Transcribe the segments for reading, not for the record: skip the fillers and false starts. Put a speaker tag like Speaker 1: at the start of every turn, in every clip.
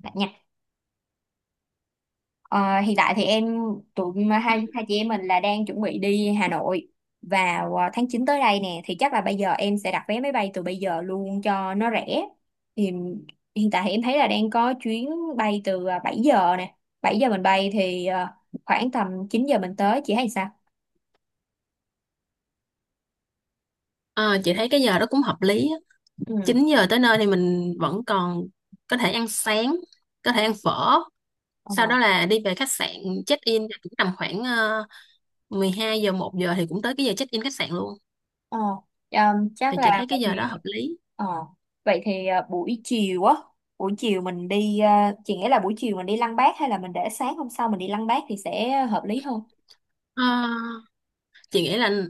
Speaker 1: Dạ nha. Ờ, hiện tại thì tụi hai hai chị em mình là đang chuẩn bị đi Hà Nội vào tháng 9 tới đây nè, thì chắc là bây giờ em sẽ đặt vé máy bay từ bây giờ luôn cho nó rẻ. Thì hiện tại thì em thấy là đang có chuyến bay từ 7 giờ nè. 7 giờ mình bay thì khoảng tầm 9 giờ mình tới, chị thấy sao?
Speaker 2: Ờ, chị thấy cái giờ đó cũng hợp lý á. 9 giờ tới nơi thì mình vẫn còn có thể ăn sáng, có thể ăn phở.
Speaker 1: Ừ.
Speaker 2: Sau đó là đi về khách sạn check in thì cũng tầm khoảng 12 giờ 1 giờ thì cũng tới cái giờ check in khách sạn luôn.
Speaker 1: Ờ, chắc
Speaker 2: Thì chị
Speaker 1: là
Speaker 2: thấy
Speaker 1: vậy
Speaker 2: cái giờ
Speaker 1: thì
Speaker 2: đó hợp lý.
Speaker 1: ờ, vậy thì à, buổi chiều á buổi chiều mình chị nghĩ là buổi chiều mình đi Lăng Bác hay là mình để sáng hôm sau mình đi Lăng Bác thì sẽ hợp lý hơn.
Speaker 2: Ờ, chị nghĩ là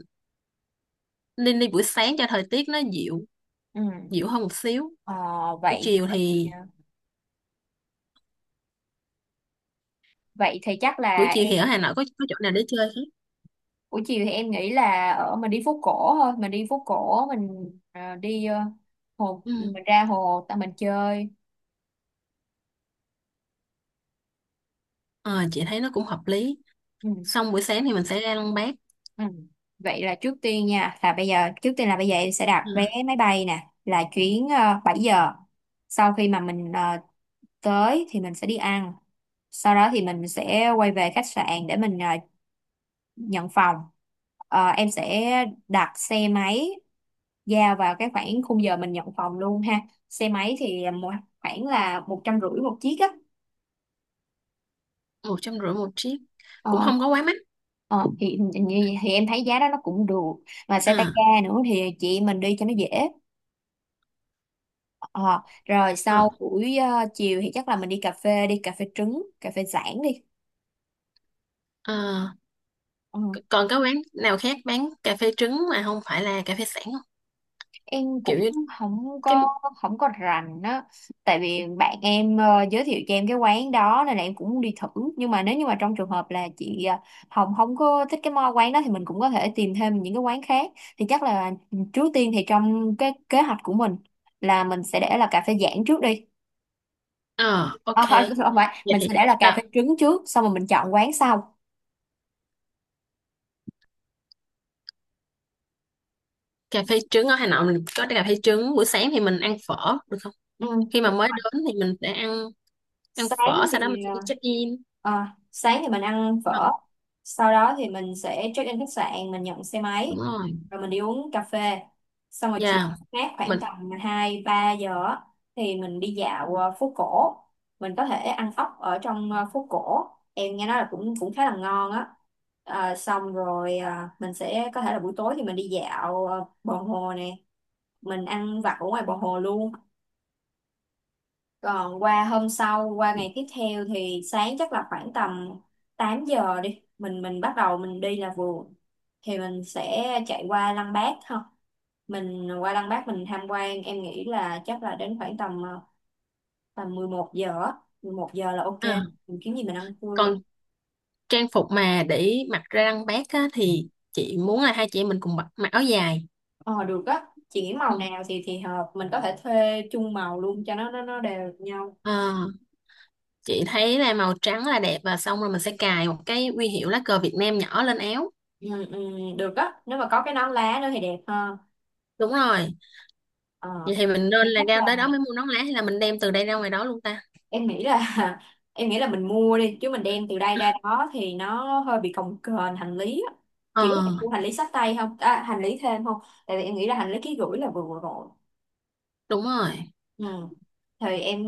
Speaker 2: nên đi buổi sáng cho thời tiết nó dịu,
Speaker 1: Ừ.
Speaker 2: dịu hơn một xíu.
Speaker 1: Ờ,
Speaker 2: Buổi
Speaker 1: vậy
Speaker 2: chiều
Speaker 1: vậy
Speaker 2: thì
Speaker 1: vậy thì chắc
Speaker 2: buổi
Speaker 1: là
Speaker 2: chiều thì ở Hà Nội có chỗ nào để chơi không?
Speaker 1: buổi chiều thì em nghĩ là ở mình đi phố cổ mình à, đi à, hồ, mình
Speaker 2: Ừ.
Speaker 1: ra hồ tại mình chơi.
Speaker 2: Ờ, chị thấy nó cũng hợp lý.
Speaker 1: Ừ.
Speaker 2: Xong buổi sáng thì mình sẽ ra Lăng Bác.
Speaker 1: Ừ. Vậy là trước tiên nha, là bây giờ em sẽ đặt
Speaker 2: Ừ.
Speaker 1: vé máy bay nè, là chuyến 7 giờ. Sau khi mà mình tới thì mình sẽ đi ăn. Sau đó thì mình sẽ quay về khách sạn để mình nhận phòng. Em sẽ đặt xe máy giao vào cái khoảng khung giờ mình nhận phòng luôn ha. Xe máy thì khoảng là 150 một chiếc á.
Speaker 2: 150 một chiếc cũng
Speaker 1: Ờ,
Speaker 2: không có quá mắc.
Speaker 1: ờ, thì, thì thì em thấy giá đó nó cũng được, mà xe tay
Speaker 2: À,
Speaker 1: ga nữa thì chị em mình đi cho nó dễ. Ờ, Rồi
Speaker 2: ờ,
Speaker 1: sau buổi chiều thì chắc là mình đi cà phê trứng, cà phê Giảng đi.
Speaker 2: ờ,
Speaker 1: Ờ,
Speaker 2: còn cái quán nào khác bán cà phê trứng mà không phải là cà phê sẵn không,
Speaker 1: em
Speaker 2: kiểu
Speaker 1: cũng
Speaker 2: như
Speaker 1: không
Speaker 2: cái?
Speaker 1: có không có rành á, tại vì bạn em giới thiệu cho em cái quán đó nên là em cũng muốn đi thử. Nhưng mà nếu như mà trong trường hợp là chị Hồng không có thích cái quán đó thì mình cũng có thể tìm thêm những cái quán khác, thì chắc là trước tiên thì trong cái kế hoạch của mình là mình sẽ để là cà phê Giảng trước đi.
Speaker 2: Ờ,
Speaker 1: Ờ,
Speaker 2: ok.
Speaker 1: không phải,
Speaker 2: Vậy
Speaker 1: mình
Speaker 2: thì
Speaker 1: sẽ để là cà
Speaker 2: đó,
Speaker 1: phê trứng trước xong rồi mình chọn quán sau.
Speaker 2: cà phê trứng ở Hà Nội mình có cà phê trứng, buổi sáng thì mình ăn phở được không?
Speaker 1: Ừ,
Speaker 2: Khi mà
Speaker 1: đúng
Speaker 2: mới
Speaker 1: rồi.
Speaker 2: đến thì mình sẽ ăn, ăn
Speaker 1: sáng
Speaker 2: phở, sau đó mình
Speaker 1: thì
Speaker 2: sẽ đi check in.
Speaker 1: sáng thì mình ăn
Speaker 2: Ờ,
Speaker 1: phở, sau đó thì mình sẽ check in khách sạn, mình nhận xe
Speaker 2: đúng
Speaker 1: máy
Speaker 2: rồi.
Speaker 1: rồi mình đi uống cà phê, xong rồi chiều
Speaker 2: Dạ.
Speaker 1: khác khoảng
Speaker 2: Mình
Speaker 1: tầm 2 3 giờ á, thì mình đi dạo phố cổ, mình có thể ăn ốc ở trong phố cổ, em nghe nói là cũng cũng khá là ngon á. Xong rồi mình sẽ có thể là buổi tối thì mình đi dạo bờ hồ nè, mình ăn vặt ở ngoài bờ hồ luôn. Còn qua hôm sau, qua ngày tiếp theo thì sáng chắc là khoảng tầm 8 giờ đi. Mình bắt đầu mình đi là vừa. Thì mình sẽ chạy qua Lăng Bác ha. Mình qua Lăng Bác mình tham quan, em nghĩ là chắc là đến khoảng tầm ờ, tầm 11 giờ á. 11 giờ là ok.
Speaker 2: à,
Speaker 1: Mình kiếm gì mình ăn trưa.
Speaker 2: còn trang phục mà để mặc ra lăng bác á, thì chị muốn là hai chị em mình cùng mặc, mặc áo dài.
Speaker 1: Ờ Được á. Chị nghĩ
Speaker 2: Ừ.
Speaker 1: màu nào thì hợp, mình có thể thuê chung màu luôn cho nó đều nhau.
Speaker 2: Ờ, chị thấy là màu trắng là đẹp, và xong rồi mình sẽ cài một cái huy hiệu lá cờ Việt Nam nhỏ lên áo.
Speaker 1: Ừ, ừ, được á. Nếu mà có cái nón lá nữa thì đẹp hơn.
Speaker 2: Đúng rồi.
Speaker 1: Ờ
Speaker 2: Vậy thì mình
Speaker 1: thì
Speaker 2: nên là
Speaker 1: chắc
Speaker 2: ra
Speaker 1: là
Speaker 2: tới đó mới mua nón lá, hay là mình đem từ đây ra ngoài đó luôn ta?
Speaker 1: em nghĩ là em nghĩ là mình mua đi, chứ mình đem từ đây ra đó thì nó hơi bị cồng kềnh hành lý á.
Speaker 2: Ờ,
Speaker 1: Chỉ có thể mua hành lý xách tay không hành lý thêm không, tại vì em nghĩ là hành lý ký gửi là vừa vừa rồi.
Speaker 2: đúng rồi.
Speaker 1: Ừ. Thì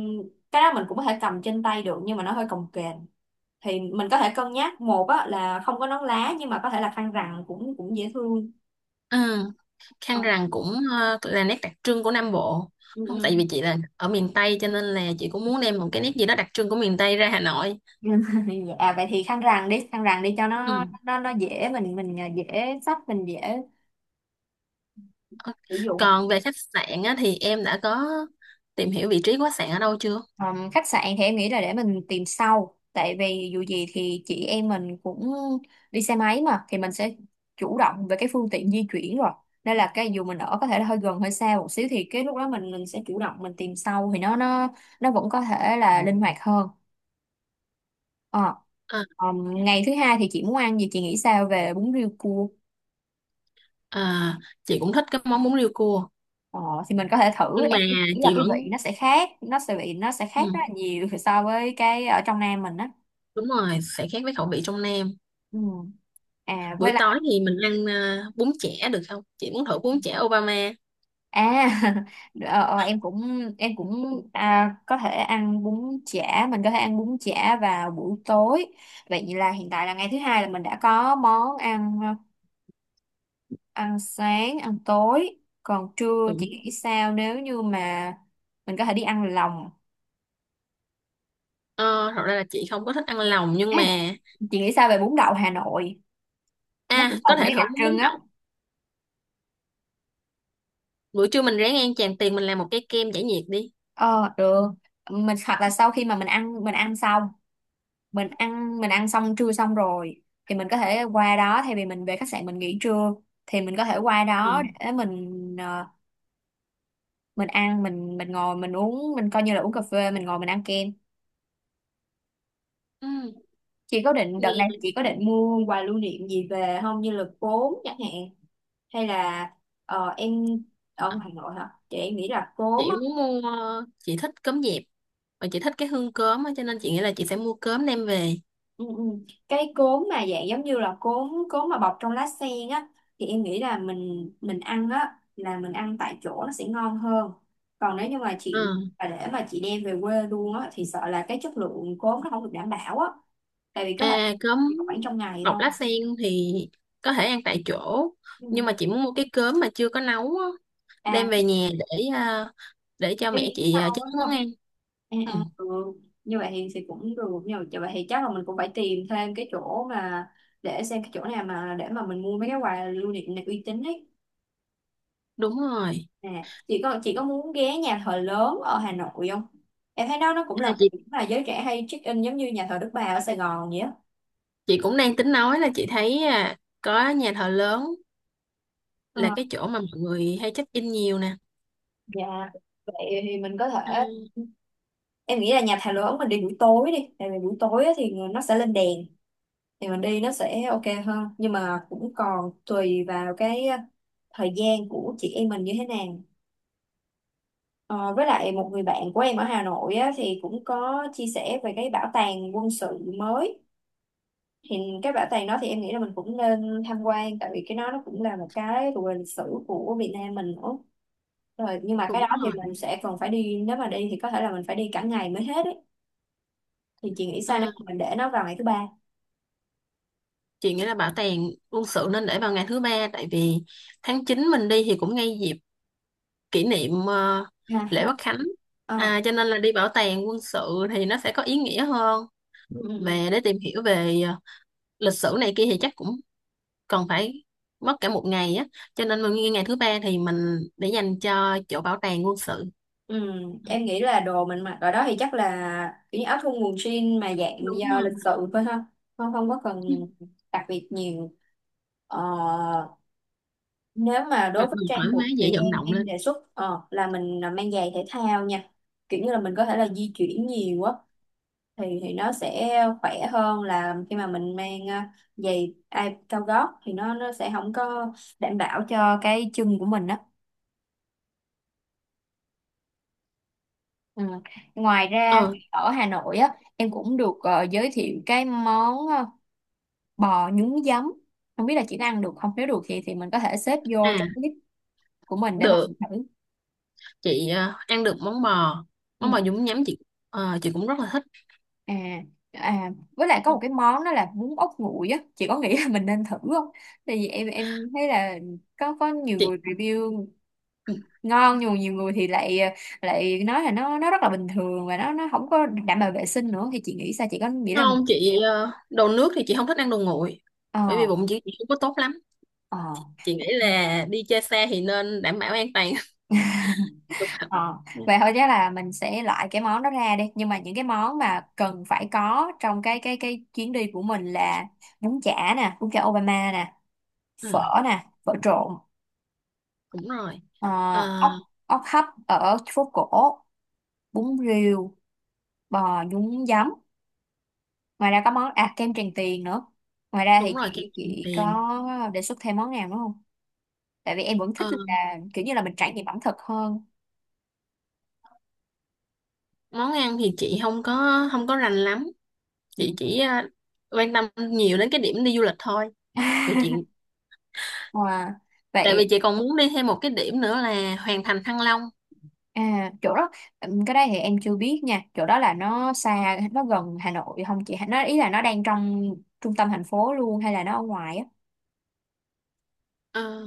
Speaker 1: cái đó mình cũng có thể cầm trên tay được, nhưng mà nó hơi cồng kềnh thì mình có thể cân nhắc một á, là không có nón lá nhưng mà có thể là khăn rằn, cũng cũng dễ thương.
Speaker 2: Ừ.
Speaker 1: Ờ,
Speaker 2: Khăn rằn cũng là nét đặc trưng của Nam Bộ.
Speaker 1: ừ,
Speaker 2: Không, tại
Speaker 1: ừ.
Speaker 2: vì chị là ở miền Tây cho nên là chị cũng muốn đem một cái nét gì đó đặc trưng của miền Tây ra Hà Nội.
Speaker 1: Dạ vậy thì khăn rằn đi, khăn rằn đi cho
Speaker 2: Ừ.
Speaker 1: nó dễ, mình dễ sử dụng.
Speaker 2: Còn về khách sạn á, thì em đã có tìm hiểu vị trí của khách sạn ở đâu chưa?
Speaker 1: Khách sạn thì em nghĩ là để mình tìm sau, tại vì dù gì thì chị em mình cũng đi xe máy mà, thì mình sẽ chủ động về cái phương tiện di chuyển rồi, nên là cái dù mình ở có thể là hơi gần hơi xa một xíu thì cái lúc đó mình sẽ chủ động mình tìm sau, thì nó vẫn có thể là linh hoạt hơn. Ờ.
Speaker 2: Ờ, ok.
Speaker 1: Ngày thứ hai thì chị muốn ăn gì, chị nghĩ sao về bún riêu cua?
Speaker 2: ờ, chị cũng thích cái món bún riêu cua,
Speaker 1: ờ, thì mình có thể thử,
Speaker 2: nhưng mà
Speaker 1: em nghĩ là
Speaker 2: chị
Speaker 1: cái
Speaker 2: vẫn.
Speaker 1: vị nó sẽ khác, nó sẽ khác rất
Speaker 2: Ừ.
Speaker 1: là nhiều so với cái ở trong Nam mình á.
Speaker 2: Đúng rồi, sẽ khác với khẩu vị trong Nam.
Speaker 1: Ừ. À
Speaker 2: Buổi
Speaker 1: với.
Speaker 2: tối thì mình ăn bún chả được không? Chị muốn thử bún chả Obama.
Speaker 1: À, ờ, ờ, em cũng em cũng có thể ăn bún chả, vào buổi tối. Vậy là hiện tại là ngày thứ hai là mình đã có món ăn ăn sáng, ăn tối. Còn trưa chị
Speaker 2: Cũng,
Speaker 1: nghĩ sao nếu như mà mình có thể đi ăn lòng.
Speaker 2: ờ, thật ra là chị không có thích ăn lòng, nhưng
Speaker 1: À,
Speaker 2: mà
Speaker 1: chị nghĩ sao về bún đậu Hà Nội? Nó
Speaker 2: à,
Speaker 1: cũng
Speaker 2: có
Speaker 1: còn
Speaker 2: thể
Speaker 1: mấy
Speaker 2: thử
Speaker 1: đặc
Speaker 2: bún
Speaker 1: trưng
Speaker 2: bún
Speaker 1: á.
Speaker 2: đậu. Buổi trưa mình ráng ăn tràn tiền, mình làm một cái kem giải nhiệt đi.
Speaker 1: Ờ Được. Mình hoặc là sau khi mà mình ăn xong trưa, xong rồi thì mình có thể qua đó thay vì mình về khách sạn mình nghỉ trưa, thì mình có thể qua đó
Speaker 2: Ừ.
Speaker 1: để mình mình ăn mình ngồi mình uống, mình coi như là uống cà phê, mình ngồi mình ăn kem.
Speaker 2: Ừ,
Speaker 1: Chị có định
Speaker 2: nghe.
Speaker 1: mua quà lưu niệm gì về không, như là cốm chẳng hạn, hay là em ở ngoài Hà Nội hả chị, em nghĩ là cốm
Speaker 2: Chị
Speaker 1: á.
Speaker 2: muốn mua chị thích cơm dẹp, và chị thích cái hương cơm á, cho nên chị nghĩ là chị sẽ mua cơm đem về.
Speaker 1: Ừ, ừ. Cái cốm mà dạng giống như là cốm cốm mà bọc trong lá sen á, thì em nghĩ là mình ăn á, là mình ăn tại chỗ nó sẽ ngon hơn. Còn nếu như mà chị
Speaker 2: Ừ.
Speaker 1: mà để mà chị đem về quê luôn á thì sợ là cái chất lượng cốm nó không được đảm bảo á, tại vì có thể
Speaker 2: À, cơm
Speaker 1: chỉ khoảng trong ngày
Speaker 2: bọc
Speaker 1: thôi.
Speaker 2: lá sen thì có thể ăn tại chỗ,
Speaker 1: Ừ.
Speaker 2: nhưng mà chị muốn mua cái cơm mà chưa có nấu á,
Speaker 1: à
Speaker 2: đem về nhà để à, để cho
Speaker 1: cái
Speaker 2: mẹ
Speaker 1: miếng
Speaker 2: chị à,
Speaker 1: sau
Speaker 2: chế
Speaker 1: á đúng
Speaker 2: biến món
Speaker 1: không?
Speaker 2: ăn. Ừ,
Speaker 1: Ừ. Như vậy thì cũng được, nhưng mà như vậy thì chắc là mình cũng phải tìm thêm cái chỗ mà để xem cái chỗ nào mà để mà mình mua mấy cái quà lưu niệm này uy tín ấy.
Speaker 2: đúng rồi.
Speaker 1: À, chị có muốn ghé nhà thờ lớn ở Hà Nội không? Em thấy đó nó cũng
Speaker 2: À,
Speaker 1: là một
Speaker 2: chị
Speaker 1: điểm mà giới trẻ hay check in, giống như nhà thờ Đức Bà ở Sài Gòn vậy á.
Speaker 2: chị cũng đang tính nói là chị thấy à, có nhà thờ lớn
Speaker 1: Ờ,
Speaker 2: là cái chỗ mà mọi người hay check in nhiều nè.
Speaker 1: dạ vậy thì mình có thể.
Speaker 2: À,
Speaker 1: Em nghĩ là nhà thờ lớn mình đi buổi tối đi, tại vì buổi tối á thì nó sẽ lên đèn, thì mình đi nó sẽ ok hơn, nhưng mà cũng còn tùy vào cái thời gian của chị em mình như thế nào. Ờ, với lại một người bạn của em ở Hà Nội á, thì cũng có chia sẻ về cái bảo tàng quân sự mới, thì cái bảo tàng đó thì em nghĩ là mình cũng nên tham quan tại vì cái đó nó cũng là một cái thuộc về lịch sử của Việt Nam mình nữa, rồi nhưng mà cái
Speaker 2: đúng
Speaker 1: đó thì
Speaker 2: rồi.
Speaker 1: mình sẽ còn phải đi, nếu mà đi thì có thể là mình phải đi cả ngày mới hết ấy. Thì chị nghĩ sao nếu
Speaker 2: À,
Speaker 1: mà mình để nó vào ngày thứ ba?
Speaker 2: chị nghĩ là bảo tàng quân sự nên để vào ngày thứ 3, tại vì tháng 9 mình đi thì cũng ngay dịp kỷ niệm
Speaker 1: Ha
Speaker 2: lễ
Speaker 1: ha.
Speaker 2: Quốc Khánh,
Speaker 1: Ờ.
Speaker 2: à, cho nên là đi bảo tàng quân sự thì nó sẽ có ý nghĩa hơn,
Speaker 1: Ừ.
Speaker 2: mà để tìm hiểu về lịch sử này kia thì chắc cũng còn phải mất cả một ngày á, cho nên mình nghĩ ngày thứ 3 thì mình để dành cho chỗ bảo tàng quân sự.
Speaker 1: Ừ. Em nghĩ là đồ mình mặc ở đó thì chắc là kiểu như áo thun quần jean mà dạng
Speaker 2: Đúng
Speaker 1: do
Speaker 2: rồi.
Speaker 1: lịch sự thôi ha, không không có cần đặc biệt nhiều. Ờ, Nếu mà
Speaker 2: Mặt
Speaker 1: đối với
Speaker 2: mình
Speaker 1: trang
Speaker 2: thoải mái
Speaker 1: phục
Speaker 2: dễ
Speaker 1: thì
Speaker 2: vận động
Speaker 1: em
Speaker 2: lên.
Speaker 1: đề xuất là mình mang giày thể thao nha, kiểu như là mình có thể là di chuyển nhiều á, thì nó sẽ khỏe hơn là khi mà mình mang giày ai cao gót, thì nó sẽ không có đảm bảo cho cái chân của mình đó. Ừ. Ngoài ra
Speaker 2: Ờ.
Speaker 1: thì ở Hà Nội á, em cũng được giới thiệu cái món bò nhúng giấm, không biết là chị đã ăn được không, nếu được thì mình có thể xếp
Speaker 2: À,
Speaker 1: vô trong list của mình để mà
Speaker 2: được,
Speaker 1: mình thử.
Speaker 2: chị ăn được món bò nhúng nhắm, chị ờ, chị cũng rất là thích.
Speaker 1: À, à với lại có một cái món đó là bún ốc nguội á, chị có nghĩ là mình nên thử không, tại vì em thấy là có nhiều
Speaker 2: Chị
Speaker 1: người review ngon, nhưng mà nhiều người thì lại lại nói là nó rất là bình thường và nó không có đảm bảo vệ sinh nữa, thì chị nghĩ sao, chị có nghĩ là mình…
Speaker 2: không, chị ờ, đồ nước thì chị không thích ăn đồ nguội, bởi
Speaker 1: ờ
Speaker 2: vì bụng chị không có tốt lắm.
Speaker 1: ờ
Speaker 2: Chị nghĩ là đi chơi xa thì nên đảm bảo an toàn thực phẩm
Speaker 1: ờ
Speaker 2: nha.
Speaker 1: Vậy thôi chắc là mình sẽ loại cái món đó ra đi, nhưng mà những cái món mà cần phải có trong cái chuyến đi của mình là bún chả nè, bún chả Obama nè,
Speaker 2: Ờ,
Speaker 1: phở nè, phở trộn.
Speaker 2: đúng rồi.
Speaker 1: Ờ,
Speaker 2: Ờ,
Speaker 1: ốc ốc hấp ở phố cổ, bún riêu, bò nhúng giấm, ngoài ra có món kem Tràng Tiền nữa. Ngoài ra
Speaker 2: đúng
Speaker 1: thì
Speaker 2: rồi, kem Tràng
Speaker 1: chị có
Speaker 2: tiền.
Speaker 1: đề xuất thêm món nào nữa không, tại vì em vẫn thích
Speaker 2: Ờ,
Speaker 1: là kiểu như là mình trải nghiệm ẩm thực hơn.
Speaker 2: món ăn thì chị không có rành lắm, chị
Speaker 1: Ừ.
Speaker 2: chỉ quan tâm nhiều đến cái điểm đi du lịch thôi, vì chị,
Speaker 1: Wow.
Speaker 2: tại vì
Speaker 1: Vậy
Speaker 2: chị còn muốn đi thêm một cái điểm nữa là Hoàng Thành Thăng Long.
Speaker 1: chỗ đó. Cái đấy thì em chưa biết nha, chỗ đó là nó xa nó gần Hà Nội không chị, nó ý là nó đang trong trung tâm thành phố luôn hay là nó ở ngoài á?
Speaker 2: Ờ,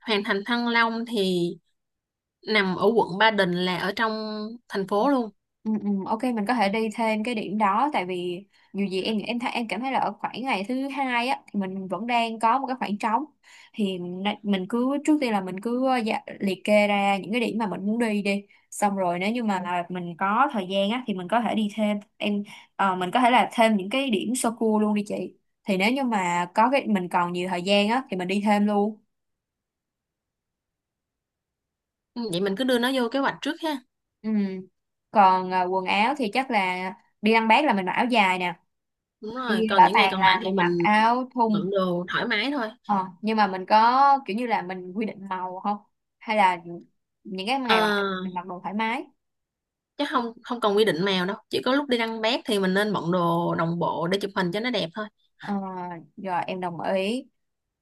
Speaker 2: Hoàng Thành Thăng Long thì nằm ở quận Ba Đình, là ở trong thành phố luôn.
Speaker 1: Ừ, ừ, ok mình có thể đi thêm cái điểm đó, tại vì dù gì em thấy em cảm thấy là ở khoảng ngày thứ hai á thì mình vẫn đang có một cái khoảng trống, thì mình cứ trước tiên là mình cứ dạ, liệt kê ra những cái điểm mà mình muốn đi đi, xong rồi nếu như mà là mình có thời gian á thì mình có thể đi thêm mình có thể là thêm những cái điểm sơ cua luôn đi chị, thì nếu như mà có cái mình còn nhiều thời gian á thì mình đi thêm luôn.
Speaker 2: Ừ, vậy mình cứ đưa nó vô kế hoạch trước ha.
Speaker 1: Ừ. Còn quần áo thì chắc là đi ăn bát là mình mặc áo dài nè,
Speaker 2: Đúng
Speaker 1: đi
Speaker 2: rồi, còn
Speaker 1: bảo
Speaker 2: những ngày
Speaker 1: tàng
Speaker 2: còn lại
Speaker 1: là
Speaker 2: thì
Speaker 1: mình
Speaker 2: mình
Speaker 1: mặc áo thun.
Speaker 2: bận đồ thoải mái thôi.
Speaker 1: Ờ, nhưng mà mình có kiểu như là mình quy định màu không, hay là những cái ngày còn lại mình
Speaker 2: À,
Speaker 1: mặc đồ thoải mái.
Speaker 2: chứ không, không cần quy định màu đâu, chỉ có lúc đi đăng bác thì mình nên bận đồ đồng bộ để chụp hình cho nó đẹp thôi.
Speaker 1: Ờ, Rồi em đồng ý.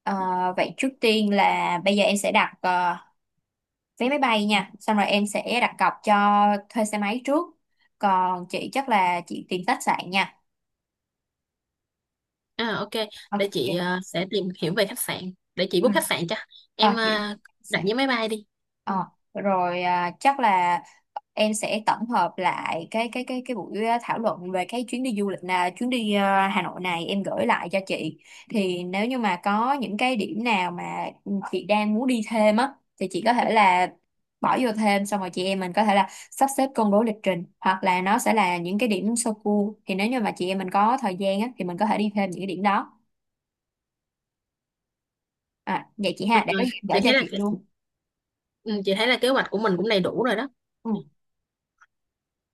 Speaker 1: Ờ, Vậy trước tiên là bây giờ em sẽ đặt vé máy bay nha, xong rồi em sẽ đặt cọc cho thuê xe máy trước, còn chị chắc là chị tìm khách sạn nha.
Speaker 2: À, ok. Để
Speaker 1: Ok.
Speaker 2: chị sẽ tìm hiểu về khách sạn, để chị
Speaker 1: Ừ.
Speaker 2: book khách sạn cho
Speaker 1: Ờ,
Speaker 2: em
Speaker 1: chị
Speaker 2: ờ, đặt vé máy bay đi. Ừ.
Speaker 1: Ờ, Rồi chắc là em sẽ tổng hợp lại cái buổi thảo luận về cái chuyến đi du lịch, là chuyến đi Hà Nội này em gửi lại cho chị, thì nếu như mà có những cái điểm nào mà chị đang muốn đi thêm á thì chị có thể là bỏ vô thêm, xong rồi chị em mình có thể là sắp xếp công bố lịch trình, hoặc là nó sẽ là những cái điểm sơ cua thì nếu như mà chị em mình có thời gian á thì mình có thể đi thêm những cái điểm đó. À, vậy chị ha, để có gì
Speaker 2: Chị
Speaker 1: em gửi
Speaker 2: thấy
Speaker 1: cho
Speaker 2: là,
Speaker 1: chị luôn.
Speaker 2: ừ, chị thấy là kế hoạch của mình cũng đầy đủ rồi đó.
Speaker 1: Ừ.
Speaker 2: Ừ.